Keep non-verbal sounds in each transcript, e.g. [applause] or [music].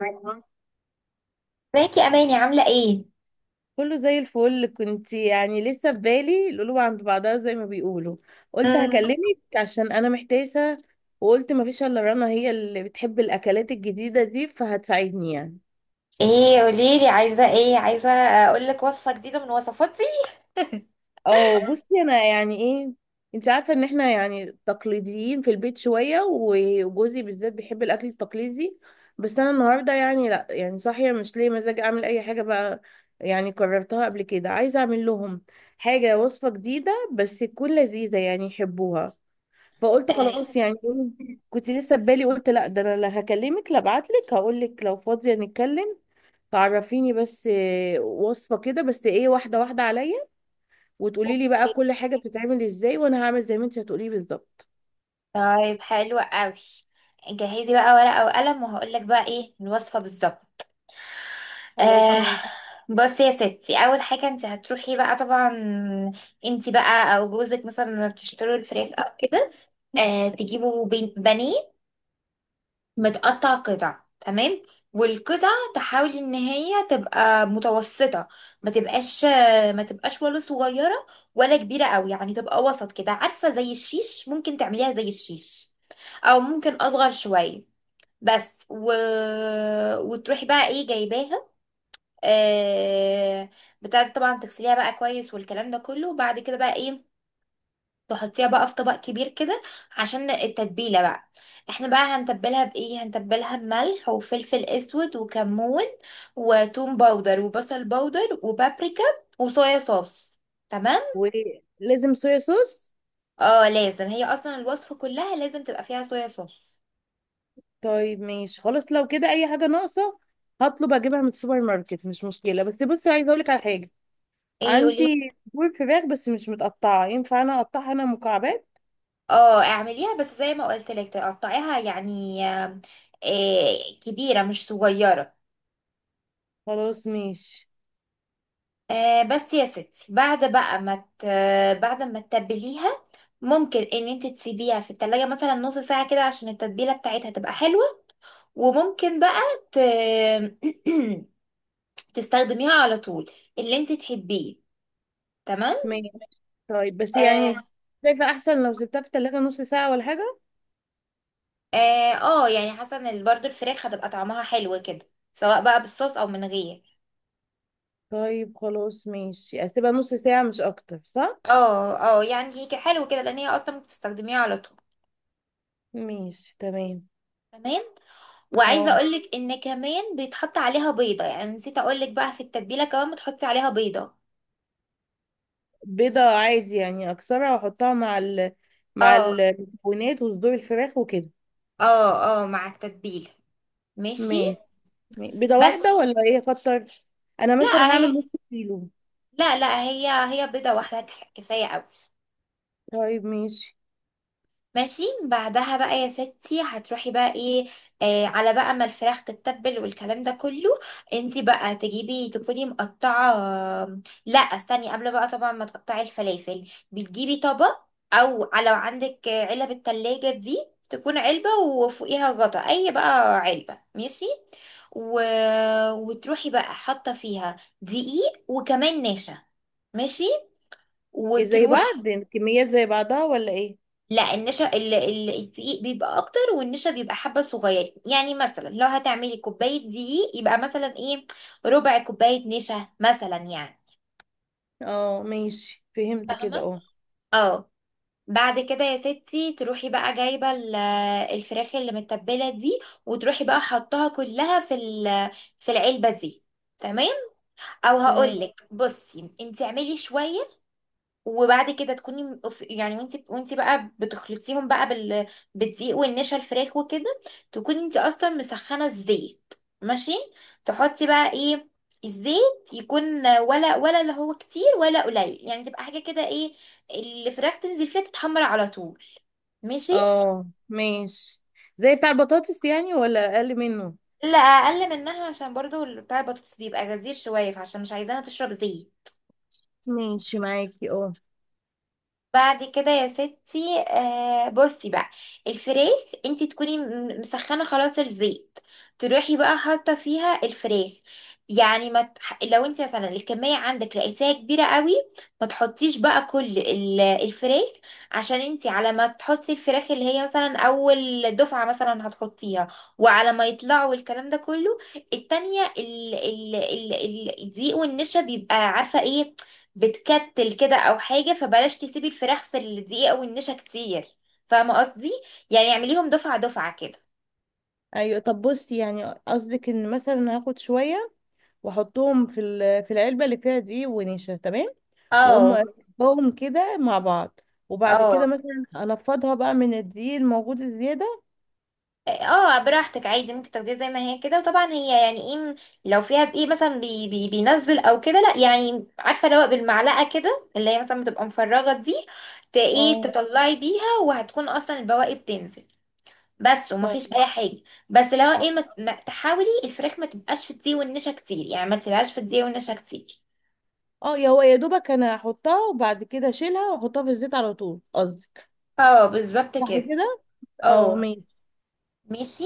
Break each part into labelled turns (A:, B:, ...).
A: ازيك يا اماني، عامله ايه؟
B: كله زي الفل. كنت يعني لسه في بالي القلوب عند بعضها زي ما بيقولوا. قلت
A: مم.
B: هكلمك عشان انا محتاسه، وقلت ما فيش الا رنا، هي اللي بتحب الاكلات الجديده دي فهتساعدني يعني.
A: ايه؟ قوليلي، عايزه ايه؟ عايزه اقول لك وصفه جديده من وصفاتي؟
B: اه بصي، انا يعني ايه، انت عارفه ان احنا يعني تقليديين في البيت شويه، وجوزي بالذات بيحب الاكل التقليدي. بس انا النهارده يعني لا صاحيه، مش ليه مزاج اعمل اي حاجه بقى. يعني قررتها قبل كده، عايزه اعمل لهم حاجه، وصفه جديده بس تكون لذيذه يعني يحبوها. فقلت خلاص يعني إيه، كنت لسه ببالي قلت لا ده انا لا هكلمك لا ابعتلك هقولك لو فاضيه نتكلم تعرفيني، بس إيه، وصفه كده، بس ايه، واحده واحده عليا، وتقولي لي بقى
A: أوكي،
B: كل حاجة بتتعمل ازاي، وانا هعمل زي ما انت هتقولي لي بالظبط.
A: طيب حلو قوي. جهزي بقى ورقه وقلم وهقول لك بقى ايه الوصفه بالظبط.
B: خلاص
A: آه،
B: ماشي.
A: بصي يا ستي، اول حاجه انت هتروحي بقى طبعا. انت بقى او جوزك مثلا لما بتشتروا الفراخ او كده. آه، تجيبوا بانيه متقطع قطع، تمام. والقطع تحاول ان هي تبقى متوسطة، ما تبقاش ما تبقاش ولا صغيرة ولا كبيرة قوي، يعني تبقى وسط كده، عارفة؟ زي الشيش، ممكن تعمليها زي الشيش او ممكن اصغر شوية. بس وتروحي بقى ايه جايباها آه... بتاعت، طبعا تغسليها بقى كويس والكلام ده كله، وبعد كده بقى ايه، تحطيها بقى في طبق كبير كده عشان التتبيلة بقى. احنا بقى هنتبلها بإيه؟ هنتبلها بملح وفلفل اسود وكمون وتوم باودر وبصل باودر وبابريكا وصويا صوص. تمام.
B: ولازم صويا صوص؟
A: اه، لازم، هي اصلا الوصفة كلها لازم تبقى فيها صويا صوص.
B: طيب ماشي، خلاص لو كده اي حاجة ناقصة هطلب اجيبها من السوبر ماركت، مش مشكلة. بس بصي، عايزة اقولك على حاجة.
A: ايه، قولي.
B: عندي صدور فراخ، بس مش متقطعة، ينفع انا اقطعها انا مكعبات؟
A: اه، اعمليها بس زي ما قلت لك، تقطعيها يعني، إيه، كبيرة مش صغيرة.
B: خلاص ماشي.
A: آه بس يا ستي، بعد بقى ما ت... بعد ما تتبليها، ممكن ان انت تسيبيها في التلاجة مثلا نص ساعة كده عشان التتبيلة بتاعتها تبقى حلوة. وممكن بقى ت... [clears throat] تستخدميها على طول، اللي انت تحبيه. تمام.
B: ماشي. طيب بس
A: اه،
B: يعني، شايفة احسن لو سبتها في التلاجة نص ساعة ولا حاجة؟
A: اه، آه يعني حاسه ان برضو الفراخ هتبقى طعمها حلو كده، سواء بقى بالصوص او من غير.
B: طيب خلاص ماشي، اسيبها نص ساعة مش اكتر، صح؟
A: اه، اه، يعني هيك حلو كده، لان هي اصلا بتستخدميها على طول.
B: ماشي تمام.
A: تمام. وعايزه
B: اه،
A: اقولك ان كمان بيتحط عليها بيضه، يعني نسيت اقولك بقى، في التتبيله كمان بتحطي عليها بيضه.
B: بيضة عادي يعني، أكسرها وأحطها مع مع
A: اه،
B: المكونات وصدور الفراخ وكده.
A: اه، اه، مع التتبيله. ماشي.
B: ماشي. بيضة
A: بس.
B: واحدة ولا إيه أكتر؟ أنا مثلا
A: لا،
B: هعمل
A: هي،
B: نص كيلو.
A: لا، لا، هي هي بيضه واحده كفايه قوي.
B: طيب ماشي.
A: ماشي، بعدها بقى يا ستي هتروحي بقى ايه؟ آه، على بقى ما الفراخ تتبل والكلام ده كله، انتي بقى تجيبي تكوني مقطعة. لا، استني، قبل بقى طبعا ما تقطعي الفلافل، بتجيبي طبق، او لو عندك علب التلاجة دي، تكون علبة وفوقيها غطا، اي بقى علبة، ماشي. و... وتروحي بقى حاطة فيها دقيق وكمان نشا. ماشي.
B: إيه، زي
A: وتروح.
B: بعض الكميات، زي بعضها ولا إيه؟
A: لا، النشا، الدقيق بيبقى اكتر والنشا بيبقى حبه صغيرين، يعني مثلا لو هتعملي كوبايه دقيق، يبقى مثلا ايه، ربع كوبايه نشا مثلا يعني.
B: اه ماشي، فهمت كده
A: فاهمه.
B: اه.
A: اه. بعد كده يا ستي، تروحي بقى جايبه الفراخ اللي متبله دي، وتروحي بقى حطها كلها في في العلبه دي. تمام. او
B: تمام.
A: هقولك بصي، انت اعملي شويه. وبعد كده تكوني يعني، وانت بقى بتخلطيهم بقى بالدقيق والنشا، الفراخ وكده، تكوني انت اصلا مسخنه الزيت. ماشي. تحطي بقى ايه، الزيت يكون ولا اللي هو كتير ولا قليل، يعني تبقى حاجه كده، ايه، الفراخ تنزل فيها تتحمر على طول. ماشي.
B: اه ماشي. زي بتاع البطاطس يعني ولا أقل منه؟
A: لا، اقل منها، عشان برضو بتاع البطاطس بيبقى غزير شويه، فعشان مش عايزاها تشرب زيت.
B: ماشي معاكي اه.
A: بعد كده يا ستي، آه بصي بقى، الفراخ انت تكوني مسخنه خلاص الزيت، تروحي بقى حاطه فيها الفراخ. يعني ما تح... لو انت مثلا الكميه عندك لقيتيها كبيره قوي، ما تحطيش بقى كل الفراخ، عشان انت على ما تحطي الفراخ اللي هي مثلا اول دفعه مثلا هتحطيها وعلى ما يطلعوا الكلام ده كله، التانية الدقيق والنشا بيبقى عارفه ايه، بتكتل كده او حاجه، فبلاش تسيبي الفراخ في الدقيق او النشا كتير. فاهمه قصدي؟ يعني اعمليهم دفعه دفعه كده.
B: ايوه، طب بصي، يعني قصدك ان مثلا هاخد شويه واحطهم في العلبه اللي فيها دي ونشا، تمام. واقوم
A: اه،
B: افركهم كده مع بعض، وبعد كده
A: اه،
B: مثلا انفضها بقى من الدقيق الموجود الزياده.
A: اه، براحتك، عادي، ممكن تاخديها زي ما هي كده. وطبعا هي يعني ايه، لو فيها دقيق مثلا بي بي بينزل او كده، لا يعني عارفه، لو بالمعلقه كده اللي هي مثلا بتبقى مفرغه دي، ايه،
B: اه.
A: تطلعي بيها وهتكون اصلا البواقي بتنزل. بس،
B: ف...
A: ومفيش اي حاجه. بس لو
B: اه
A: ايه، تحاولي الفراخ ما تبقاش في الدقيق والنشا كتير، يعني ما تسيبهاش في الدقيق والنشا كتير.
B: آه، يا هو يا دوبك انا احطها وبعد كده اشيلها واحطها في الزيت على طول، قصدك؟
A: اه، بالظبط
B: صح
A: كده.
B: كده. اه
A: اه.
B: ماشي.
A: ماشي.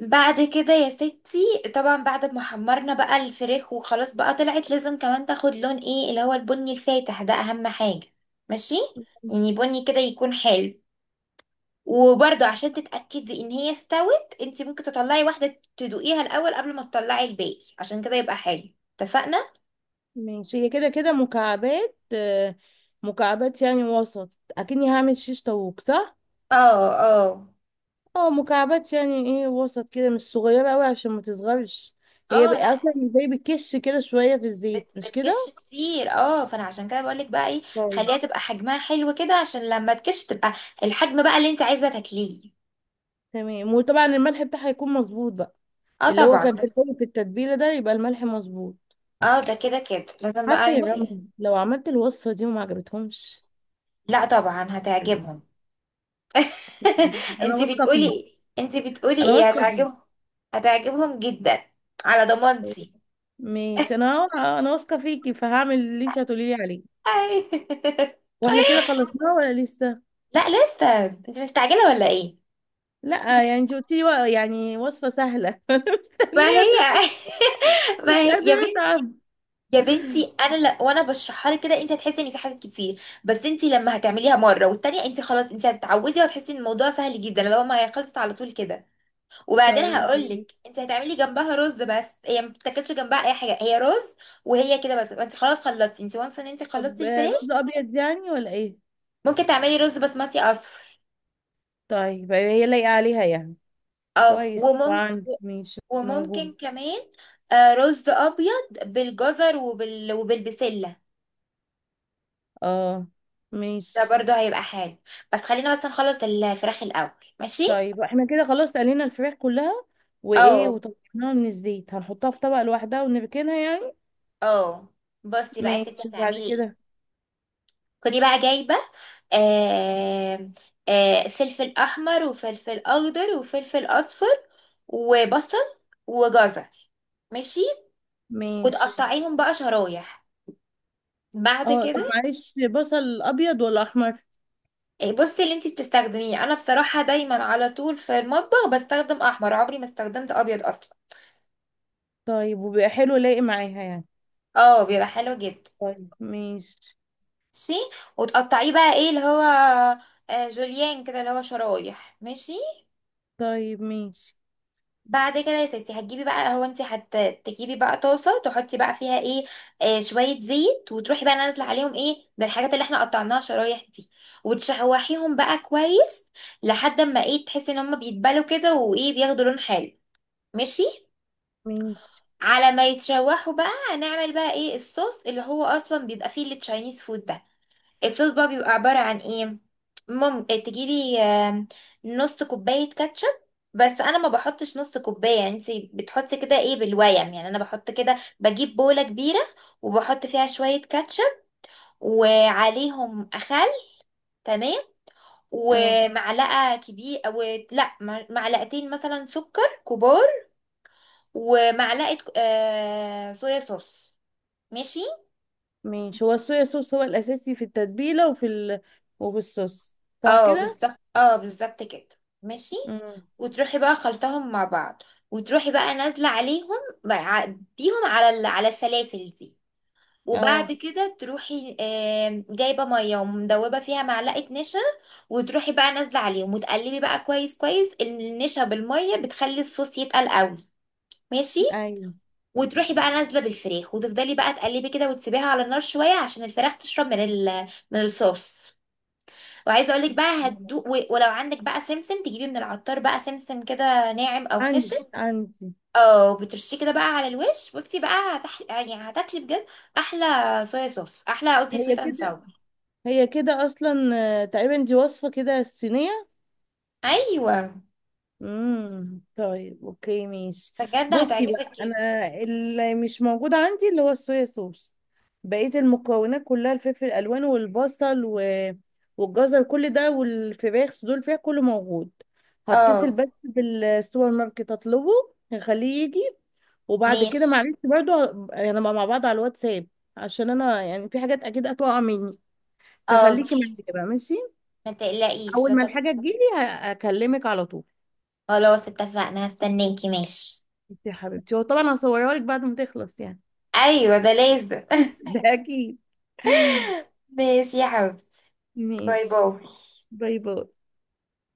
A: بعد كده يا ستي، طبعا بعد ما حمرنا بقى الفراخ وخلاص بقى طلعت، لازم كمان تاخد لون، ايه اللي هو البني الفاتح ده، اهم حاجة. ماشي. يعني بني كده يكون حلو. وبرده عشان تتأكدي ان هي استوت، انت ممكن تطلعي واحدة تدوقيها الاول قبل ما تطلعي الباقي، عشان كده يبقى حلو. اتفقنا؟
B: ماشي. هي كده كده مكعبات، آه، مكعبات يعني وسط. اكني هعمل شيش طاووق صح.
A: اه، اه،
B: اه مكعبات يعني، ايه، وسط كده مش صغيره قوي عشان ما تصغرش. هي
A: اه. لا،
B: بقى اصلا زي بتكش كده شويه في الزيت، مش
A: بتكش كتير، اه، فانا عشان كده بقولك بقى ايه،
B: كده؟
A: خليها تبقى حجمها حلو كده، عشان لما تكش تبقى الحجم بقى اللي انت عايزه تاكليه.
B: تمام. وطبعا الملح بتاعها هيكون مظبوط بقى،
A: اه،
B: اللي هو
A: طبعا
B: كان في
A: ده.
B: الأول في التتبيله ده، يبقى الملح مظبوط.
A: اه، ده كده كده لازم بقى.
B: عارفه يا
A: انت
B: رنا، لو عملت الوصفه دي وما عجبتهمش.
A: لا، طبعا هتعجبهم. [laughs]
B: ماشي، انا
A: انت
B: واثقه
A: بتقولي
B: فيك،
A: ايه؟ انت بتقولي
B: انا
A: ايه؟
B: واثقه فيك.
A: هتعجبهم. هتعجبهم جدا، على ضمانتي.
B: ماشي. انا واثقه فيكي فهعمل اللي انت هتقولي لي عليه.
A: [laughs] أي.
B: واحنا كده خلصناه ولا لسه؟
A: لا، لسه، انت مستعجله ولا ايه؟
B: لا يعني، انت قلتي لي يعني وصفه سهله. [laughs] انا
A: ما هي.
B: مستنيه تخلص،
A: [laughs]
B: مش
A: ما هي يا
B: قادره
A: بنتي.
B: اتعب.
A: يا بنتي، انا وانا بشرحها لك كده، انت هتحسي ان في حاجات كتير، بس انت لما هتعمليها مره والتانيه، انت خلاص، انت هتتعودي وهتحسي ان الموضوع سهل جدا، لو ما هي خلصت على طول كده. وبعدين
B: طيب
A: هقول
B: ماشي.
A: لك، انت هتعملي جنبها رز، بس هي ما بتاكلش جنبها اي حاجه، هي رز. وهي كده بس، انت خلاص خلصتي، انت وانس ان انت خلصتي
B: طب آه، بيض
A: الفراخ.
B: ابيض يعني ولا ايه؟
A: ممكن تعملي رز بسمتي اصفر.
B: طيب هي لايقه عليها يعني؟
A: اه،
B: كويس،
A: وممكن،
B: وعندي ماشي
A: وممكن
B: موجود.
A: كمان، آه، رز ابيض بالجزر وبالبسله.
B: اه
A: ده
B: ماشي.
A: برضه هيبقى حلو. بس خلينا بس نخلص الفراخ الاول. ماشي.
B: طيب احنا كده خلاص قلينا الفراخ كلها، وايه،
A: اه،
B: وطلعناها من الزيت، هنحطها في طبق لوحدها ونركنها يعني؟
A: اه، بصي بقى يا ستي
B: ماشي،
A: هتعملي
B: وبعد
A: ايه.
B: كده.
A: كني بقى جايبه آه فلفل احمر وفلفل اخضر وفلفل اصفر وبصل وجزر، ماشي،
B: ماشي.
A: وتقطعيهم بقى شرايح. بعد
B: اه طب
A: كده،
B: معلش، بصل ابيض ولا احمر؟
A: آه، بصي، اللي انتي بتستخدميه، انا بصراحه دايما على طول في المطبخ بستخدم احمر، عمري ما استخدمت ابيض اصلا.
B: طيب وبيبقى حلو لايق معاها يعني؟
A: اه، بيبقى حلو جدا.
B: طيب ماشي.
A: ماشي. وتقطعيه بقى ايه اللي هو، آه، جوليان كده، اللي هو شرايح. ماشي.
B: طيب ماشي.
A: بعد كده يا ستي، هتجيبي بقى، هو انت هتجيبي بقى طاسه، تحطي بقى فيها ايه، آه، شويه زيت، وتروحي بقى نازله عليهم ايه، بالحاجات اللي احنا قطعناها شرايح دي، وتشوحيهم بقى كويس لحد ما، ايه، تحسي ان هم بيتبلوا كده، وايه، بياخدوا لون حلو. ماشي.
B: ماشي.
A: على ما يتشوحوا بقى، هنعمل بقى ايه الصوص اللي هو اصلا بيبقى فيه التشاينيز فود ده. الصوص بقى بيبقى عبارة عن ايه، ممكن تجيبي نص كوباية كاتشب. بس انا ما بحطش نص كوباية يعني، انت بتحطي كده ايه بالويم يعني، انا بحط كده، بجيب بولة كبيرة وبحط فيها شوية كاتشب، وعليهم خل، تمام،
B: اه
A: ومعلقة كبيرة، أو لا، معلقتين مثلا سكر كبار، ومعلقة صويا صوص. ماشي.
B: ماشي. هو الصويا صوص هو الاساسي في التتبيله وفي الصوص، صح
A: اه
B: كده؟
A: بالظبط، اه بالظبط كده. ماشي.
B: امم.
A: وتروحي بقى خلطهم مع بعض، وتروحي بقى نازله عليهم، مع- بيهم على على الفلافل دي.
B: اه
A: وبعد كده تروحي جايبه ميه ومدوبه فيها معلقه نشا، وتروحي بقى نازله عليهم وتقلبي بقى كويس كويس. النشا بالميه بتخلي الصوص يتقل قوي. ماشي.
B: ايوه.
A: وتروحي بقى نازله بالفراخ، وتفضلي بقى تقلبي كده وتسيبيها على النار شويه عشان الفراخ تشرب من ال من الصوص وعايزه اقول لك بقى هتدوق، ولو عندك بقى سمسم، تجيبي من العطار بقى سمسم كده، ناعم او
B: عندي
A: خشن،
B: عندي
A: او بترشيه كده بقى على الوش. بصي بقى يعني هتاكلي بجد احلى صويا صوص، احلى، قصدي
B: هي
A: سويت اند
B: كده،
A: ساور.
B: هي كده اصلا. آه، تقريبا دي وصفة كده الصينية.
A: ايوه،
B: طيب اوكي ماشي.
A: بجد
B: بصي
A: هتعجبك
B: بقى،
A: جدا.
B: انا اللي مش موجود عندي اللي هو الصويا صوص، بقية المكونات كلها: الفلفل الالوان والبصل والجزر كل ده، والفراخ صدور الفراخ كله موجود. هتصل
A: اه.
B: بس بالسوبر ماركت اطلبه، هخليه يجي. وبعد كده
A: ماشي.
B: معلش برضو هنبقى مع بعض على الواتساب، عشان انا يعني في حاجات اكيد هتقع مني،
A: حاضر،
B: فخليكي معايا بقى ماشي.
A: ما تقلقيش،
B: اول
A: لا
B: ما
A: تقلقي.
B: الحاجه تجيلي هكلمك على طول.
A: خلاص، اتفقنا، هستناكي. ماشي.
B: انت يا حبيبتي، هو طبعا هصورها لك بعد ما تخلص يعني.
A: ايوه، ده لازم.
B: [laughs] ده اكيد.
A: [laughs] ماشي يا حبيبتي. باي
B: ماشي.
A: باي.
B: باي باي.